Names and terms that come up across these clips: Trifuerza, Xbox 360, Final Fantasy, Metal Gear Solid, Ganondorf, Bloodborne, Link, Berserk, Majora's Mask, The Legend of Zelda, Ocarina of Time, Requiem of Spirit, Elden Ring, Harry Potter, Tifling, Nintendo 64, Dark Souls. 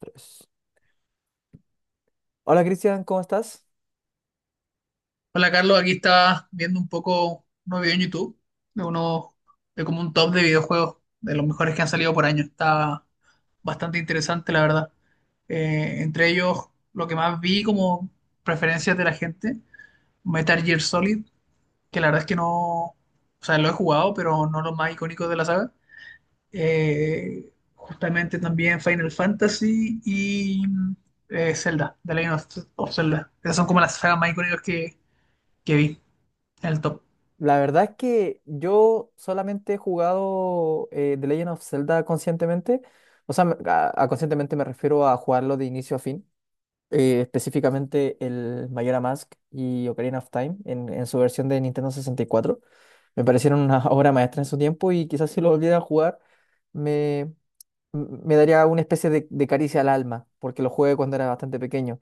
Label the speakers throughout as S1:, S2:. S1: Tres. Hola Cristian, ¿cómo estás?
S2: Hola Carlos, aquí estaba viendo un poco un video en YouTube de unos de como un top de videojuegos de los mejores que han salido por año. Está bastante interesante, la verdad. Entre ellos, lo que más vi como preferencias de la gente, Metal Gear Solid, que la verdad es que no, o sea, lo he jugado, pero no los más icónicos de la saga. Justamente también Final Fantasy y Zelda, The Legend of Zelda. Esas son como las sagas más icónicas que vi en el top.
S1: La verdad es que yo solamente he jugado The Legend of Zelda conscientemente. O sea, a conscientemente me refiero a jugarlo de inicio a fin. Específicamente el Majora's Mask y Ocarina of Time en su versión de Nintendo 64. Me parecieron una obra maestra en su tiempo y quizás si lo volviera a jugar me, me daría una especie de caricia al alma porque lo jugué cuando era bastante pequeño.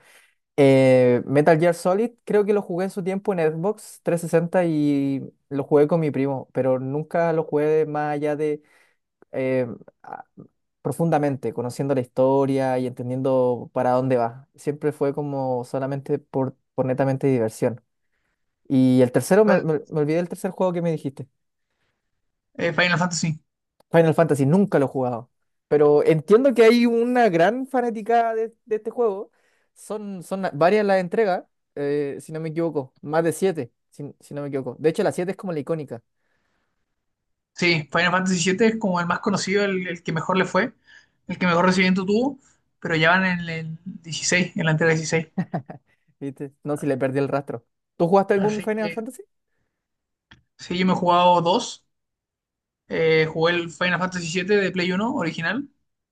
S1: Metal Gear Solid, creo que lo jugué en su tiempo en Xbox 360 y lo jugué con mi primo, pero nunca lo jugué más allá de eh, a- profundamente, conociendo la historia y entendiendo para dónde va. Siempre fue como solamente por netamente diversión. Y el tercero,
S2: ¿Cuál?
S1: me olvidé del tercer juego que me dijiste.
S2: Final Fantasy.
S1: Final Fantasy nunca lo he jugado, pero entiendo que hay una gran fanaticada de este juego. Son, son varias las entregas, si no me equivoco, más de siete, si, si no me equivoco. De hecho, la siete es como la icónica,
S2: Sí, Final Fantasy 7 es como el más conocido, el que mejor le fue, el que mejor recibimiento tuvo, pero ya van en el 16, en la entrega 16.
S1: ¿viste? No, si le perdí el rastro. ¿Tú jugaste algún
S2: Así
S1: Final
S2: que
S1: Fantasy?
S2: sí, yo me he jugado dos. Jugué el Final Fantasy 7 de Play Uno original.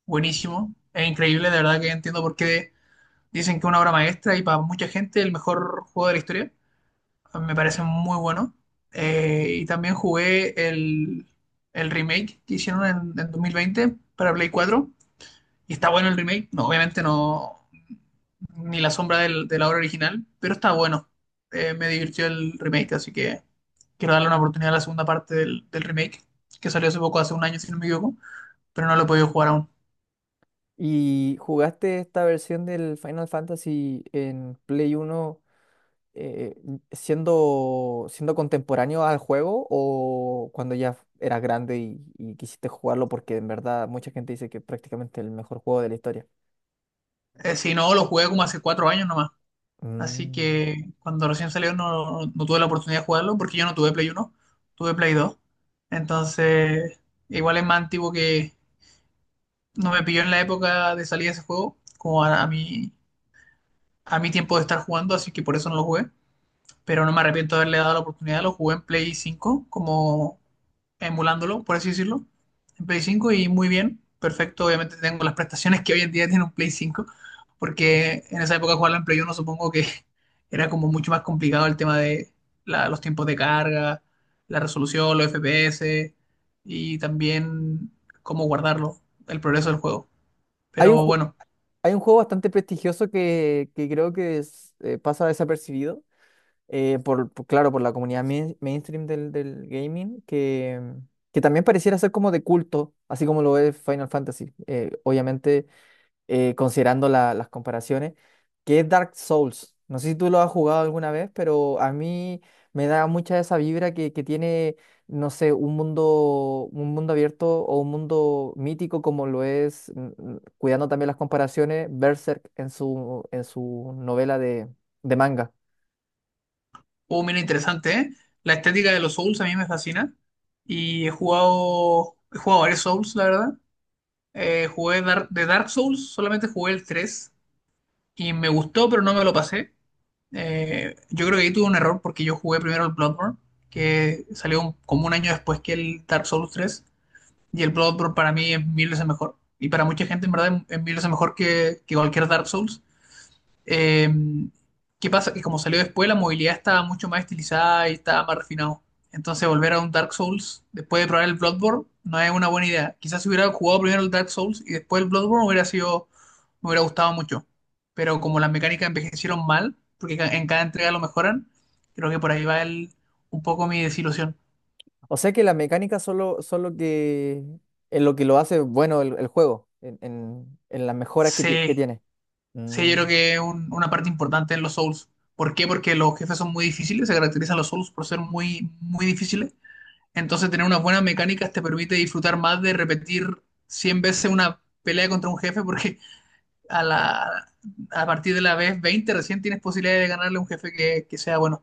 S2: Buenísimo. Es increíble, de verdad que entiendo por qué dicen que es una obra maestra y para mucha gente el mejor juego de la historia. A mí me parece muy bueno. Y también jugué el remake que hicieron en 2020 para Play 4. ¿Y está bueno el remake? No, obviamente no, ni la sombra del- de la obra original, pero está bueno. Me divirtió el remake, así que quiero darle una oportunidad a la segunda parte del remake, que salió hace poco, hace un año, si no me equivoco, pero no lo he podido jugar aún.
S1: ¿Y jugaste esta versión del Final Fantasy en Play Uno, eh, siendo, siendo contemporáneo al juego o cuando ya eras grande y quisiste jugarlo porque en verdad mucha gente dice que es prácticamente el mejor juego de la historia?
S2: Si no, lo jugué como hace 4 años nomás. Así
S1: Mm.
S2: que cuando recién salió no, no tuve la oportunidad de jugarlo, porque yo no tuve Play uno, tuve Play dos. Entonces, igual es más antiguo que, no me pilló en la época de salida de ese juego, como a mí, a mi tiempo de estar jugando, así que por eso no lo jugué. Pero no me arrepiento de haberle dado la oportunidad. Lo jugué en Play 5 como emulándolo, por así decirlo. En Play 5 y muy bien, perfecto. Obviamente tengo las prestaciones que hoy en día tiene un Play 5 porque en esa época jugarla en Play uno supongo que era como mucho más complicado el tema de la- los tiempos de carga, la resolución, los FPS y también cómo guardarlo, el progreso del juego.
S1: Hay un,
S2: Pero
S1: ju-
S2: bueno,
S1: Hay un juego bastante prestigioso que creo que es, pasa desapercibido, claro, por la comunidad mainstream del, del gaming, que también pareciera ser como de culto, así como lo es Final Fantasy. Obviamente considerando las comparaciones, que es Dark Souls. No sé si tú lo has jugado alguna vez, pero a mí me da mucha esa vibra que tiene, no sé, un mundo abierto o un mundo mítico como lo es, cuidando también las comparaciones, Berserk en su novela de manga.
S2: oh, mira, interesante, ¿eh? La estética de los Souls a mí me fascina. Y he jugado varios Souls, la verdad. Jugué Dar- de Dark Souls, solamente jugué el 3. Y me gustó, pero no me lo pasé. Yo creo que ahí tuve un error porque yo jugué primero el Bloodborne, que salió un- como un año después que el Dark Souls 3. Y el Bloodborne para mí es mil veces mejor. Y para mucha gente, en verdad, es mil veces mejor que cualquier Dark Souls. Eh, ¿Qué pasa? Que como salió después, la movilidad estaba mucho más estilizada y estaba más refinado. Entonces, volver a un Dark Souls después de probar el Bloodborne no es una buena idea. Quizás si hubiera jugado primero el Dark Souls y después el Bloodborne hubiera sido, me hubiera gustado mucho. Pero como las mecánicas envejecieron mal, porque ca- en cada entrega lo mejoran, creo que por ahí va un poco mi desilusión.
S1: O sea que las mecánicas solo que es lo que lo hace bueno el juego, en, en las mejoras que, que
S2: Sí,
S1: tiene.
S2: sí, yo
S1: Mm.
S2: creo que es un- una parte importante en los Souls. ¿Por qué? Porque los jefes son muy difíciles, se caracterizan los Souls por ser muy, muy difíciles. Entonces, tener unas buenas mecánicas te permite disfrutar más de repetir 100 veces una pelea contra un jefe, porque a la, a partir de la vez 20 recién tienes posibilidad de ganarle a un jefe que sea bueno.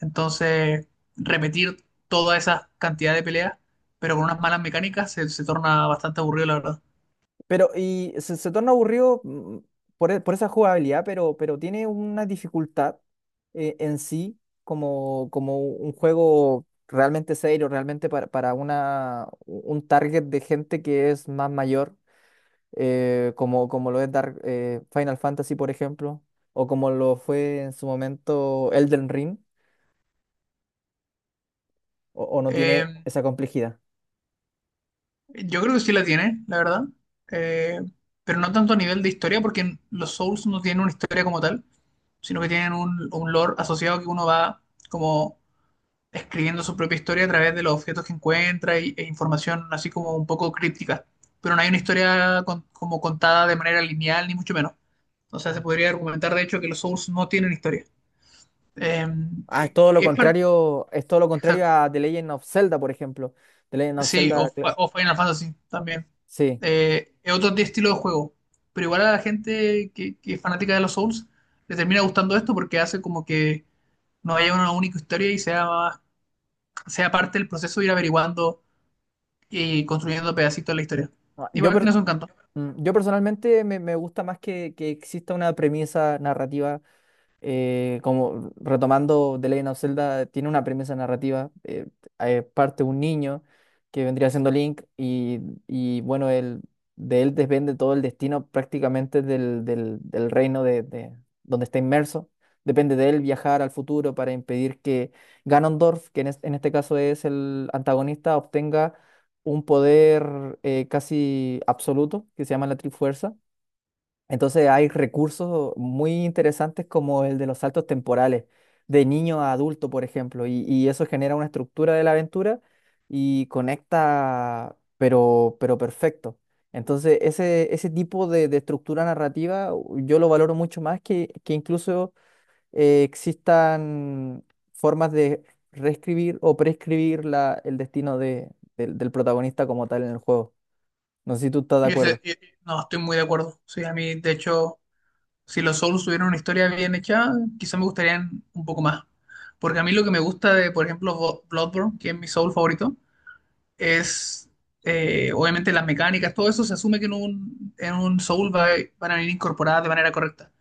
S2: Entonces, repetir toda esa cantidad de peleas, pero con unas malas mecánicas, se torna bastante aburrido, la verdad.
S1: Pero y se torna aburrido por, por esa jugabilidad, pero tiene una dificultad en sí como, como un juego realmente serio, realmente para una, un target de gente que es más mayor, como, como lo es Final Fantasy, por ejemplo, o como lo fue en su momento Elden Ring, o no
S2: Eh,
S1: tiene esa complejidad.
S2: yo creo que sí la tiene, la verdad. Eh, pero no tanto a nivel de historia, porque los Souls no tienen una historia como tal, sino que tienen un lore asociado que uno va como escribiendo su propia historia a través de los objetos que encuentra y- e información así como un poco críptica. Pero no hay una historia con- como contada de manera lineal, ni mucho menos. O sea, se podría argumentar, de hecho, que los Souls no tienen historia.
S1: Ah, es todo lo
S2: Es parte...
S1: contrario, es todo lo contrario
S2: Exacto.
S1: a The Legend of Zelda, por ejemplo. The Legend of
S2: Sí, o,
S1: Zelda,
S2: fa- o Final Fantasy también.
S1: sí.
S2: Es otro t- estilo de juego. Pero igual a la gente que es fanática de los Souls le termina gustando esto porque hace como que no haya una única historia y sea, más- sea parte del proceso de ir averiguando y construyendo pedacitos de la historia.
S1: Ah, Yo,
S2: Igual
S1: per-
S2: tiene su encanto.
S1: yo personalmente me gusta más que exista una premisa narrativa como retomando The Legend of Zelda, tiene una premisa narrativa. Parte un niño que vendría siendo Link y, bueno, él, de él depende todo el destino prácticamente del, del reino de, donde está inmerso. Depende de él viajar al futuro para impedir que Ganondorf, que en, en este caso es el antagonista, obtenga un poder casi absoluto que se llama la Trifuerza, entonces hay recursos muy interesantes como el de los saltos temporales, de niño a adulto, por ejemplo, y eso genera una estructura de la aventura y conecta, pero perfecto. Entonces ese tipo de estructura narrativa yo lo valoro mucho más que incluso existan formas de reescribir o prescribir la, el destino del del protagonista como tal en el juego. No sé si tú estás de
S2: Y
S1: acuerdo.
S2: ese- y- no, estoy muy de acuerdo. Sí, a mí, de hecho, si los Souls tuvieran una historia bien hecha, quizá me gustarían un poco más. Porque a mí lo que me gusta de, por ejemplo, Bo- Bloodborne, que es mi Soul favorito, es obviamente las mecánicas, todo eso se asume que en en un Soul va- van a venir incorporadas de manera correcta.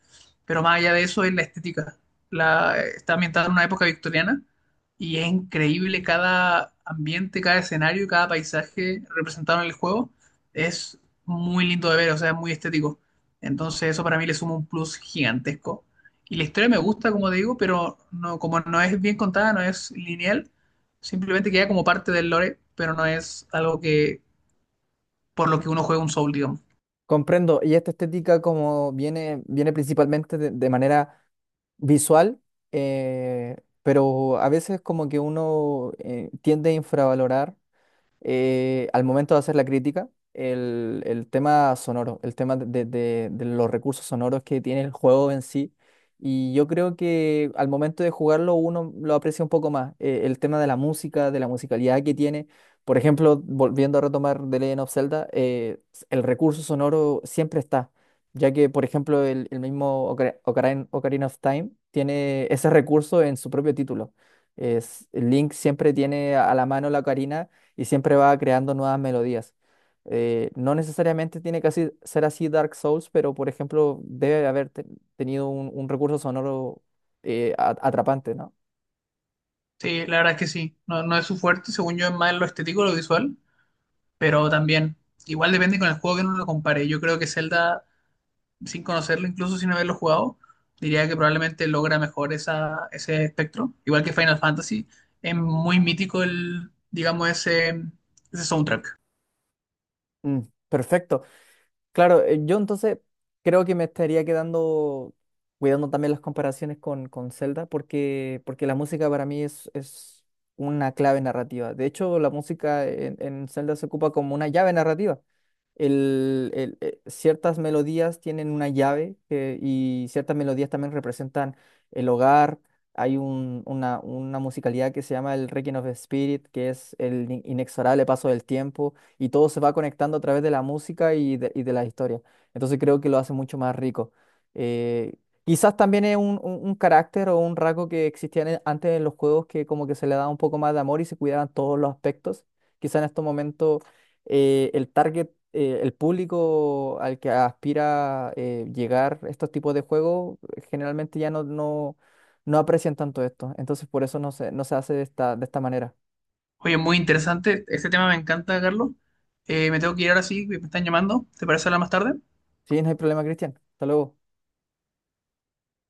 S2: Pero más allá de eso es la estética. La, está ambientada en una época victoriana y es increíble cada ambiente, cada escenario, cada paisaje representado en el juego. Es muy lindo de ver, o sea, es muy estético. Entonces eso para mí le suma un plus gigantesco. Y la historia me gusta, como te digo, pero no, como no es bien contada, no es lineal, simplemente queda como parte del lore, pero no es algo que por lo que uno juega un Soul, digamos.
S1: Comprendo, y esta estética como viene, viene principalmente de manera visual, eh, pero a veces como que uno tiende a infravalorar al momento de hacer la crítica, el tema sonoro, el tema de, de los recursos sonoros que tiene el juego en sí. Y yo creo que al momento de jugarlo uno lo aprecia un poco más. El tema de la música, de la musicalidad que tiene. Por ejemplo, volviendo a retomar The Legend of Zelda, el recurso sonoro siempre está, ya que, por ejemplo, el mismo Ocarina of Time tiene ese recurso en su propio título. Es, Link siempre tiene a la mano la ocarina y siempre va creando nuevas melodías. No necesariamente tiene que ser así Dark Souls, pero por ejemplo debe haber tenido un recurso sonoro atrapante, ¿no?
S2: Sí, la verdad es que sí, no, no es su fuerte, según yo es más lo estético, lo visual, pero también, igual depende con el juego que uno lo compare. Yo creo que Zelda, sin conocerlo, incluso sin haberlo jugado, diría que probablemente logra mejor esa, ese espectro. Igual que Final Fantasy, es muy mítico el, digamos, ese soundtrack.
S1: Mm, perfecto. Claro, yo entonces creo que me estaría quedando cuidando también las comparaciones con Zelda, porque, porque la música para mí es una clave narrativa. De hecho, la música en Zelda se ocupa como una llave narrativa. Ciertas melodías tienen una llave y ciertas melodías también representan el hogar. Una musicalidad que se llama el Requiem of Spirit, que es el inexorable paso del tiempo y todo se va conectando a través de la música y de las historias. Entonces creo que lo hace mucho más rico. Eh, quizás también es un, un carácter o un rasgo que existía antes en los juegos que como que se le daba un poco más de amor y se cuidaban todos los aspectos. Quizás en estos momentos el target, el público al que aspira llegar estos tipos de juegos, generalmente ya no aprecian tanto esto. Entonces por eso no se hace de esta manera.
S2: Oye, muy interesante. Este tema me encanta, Carlos. Me tengo que ir ahora sí, me están llamando. ¿Te parece hablar más tarde?
S1: Sí, no hay problema, Cristian. Hasta luego.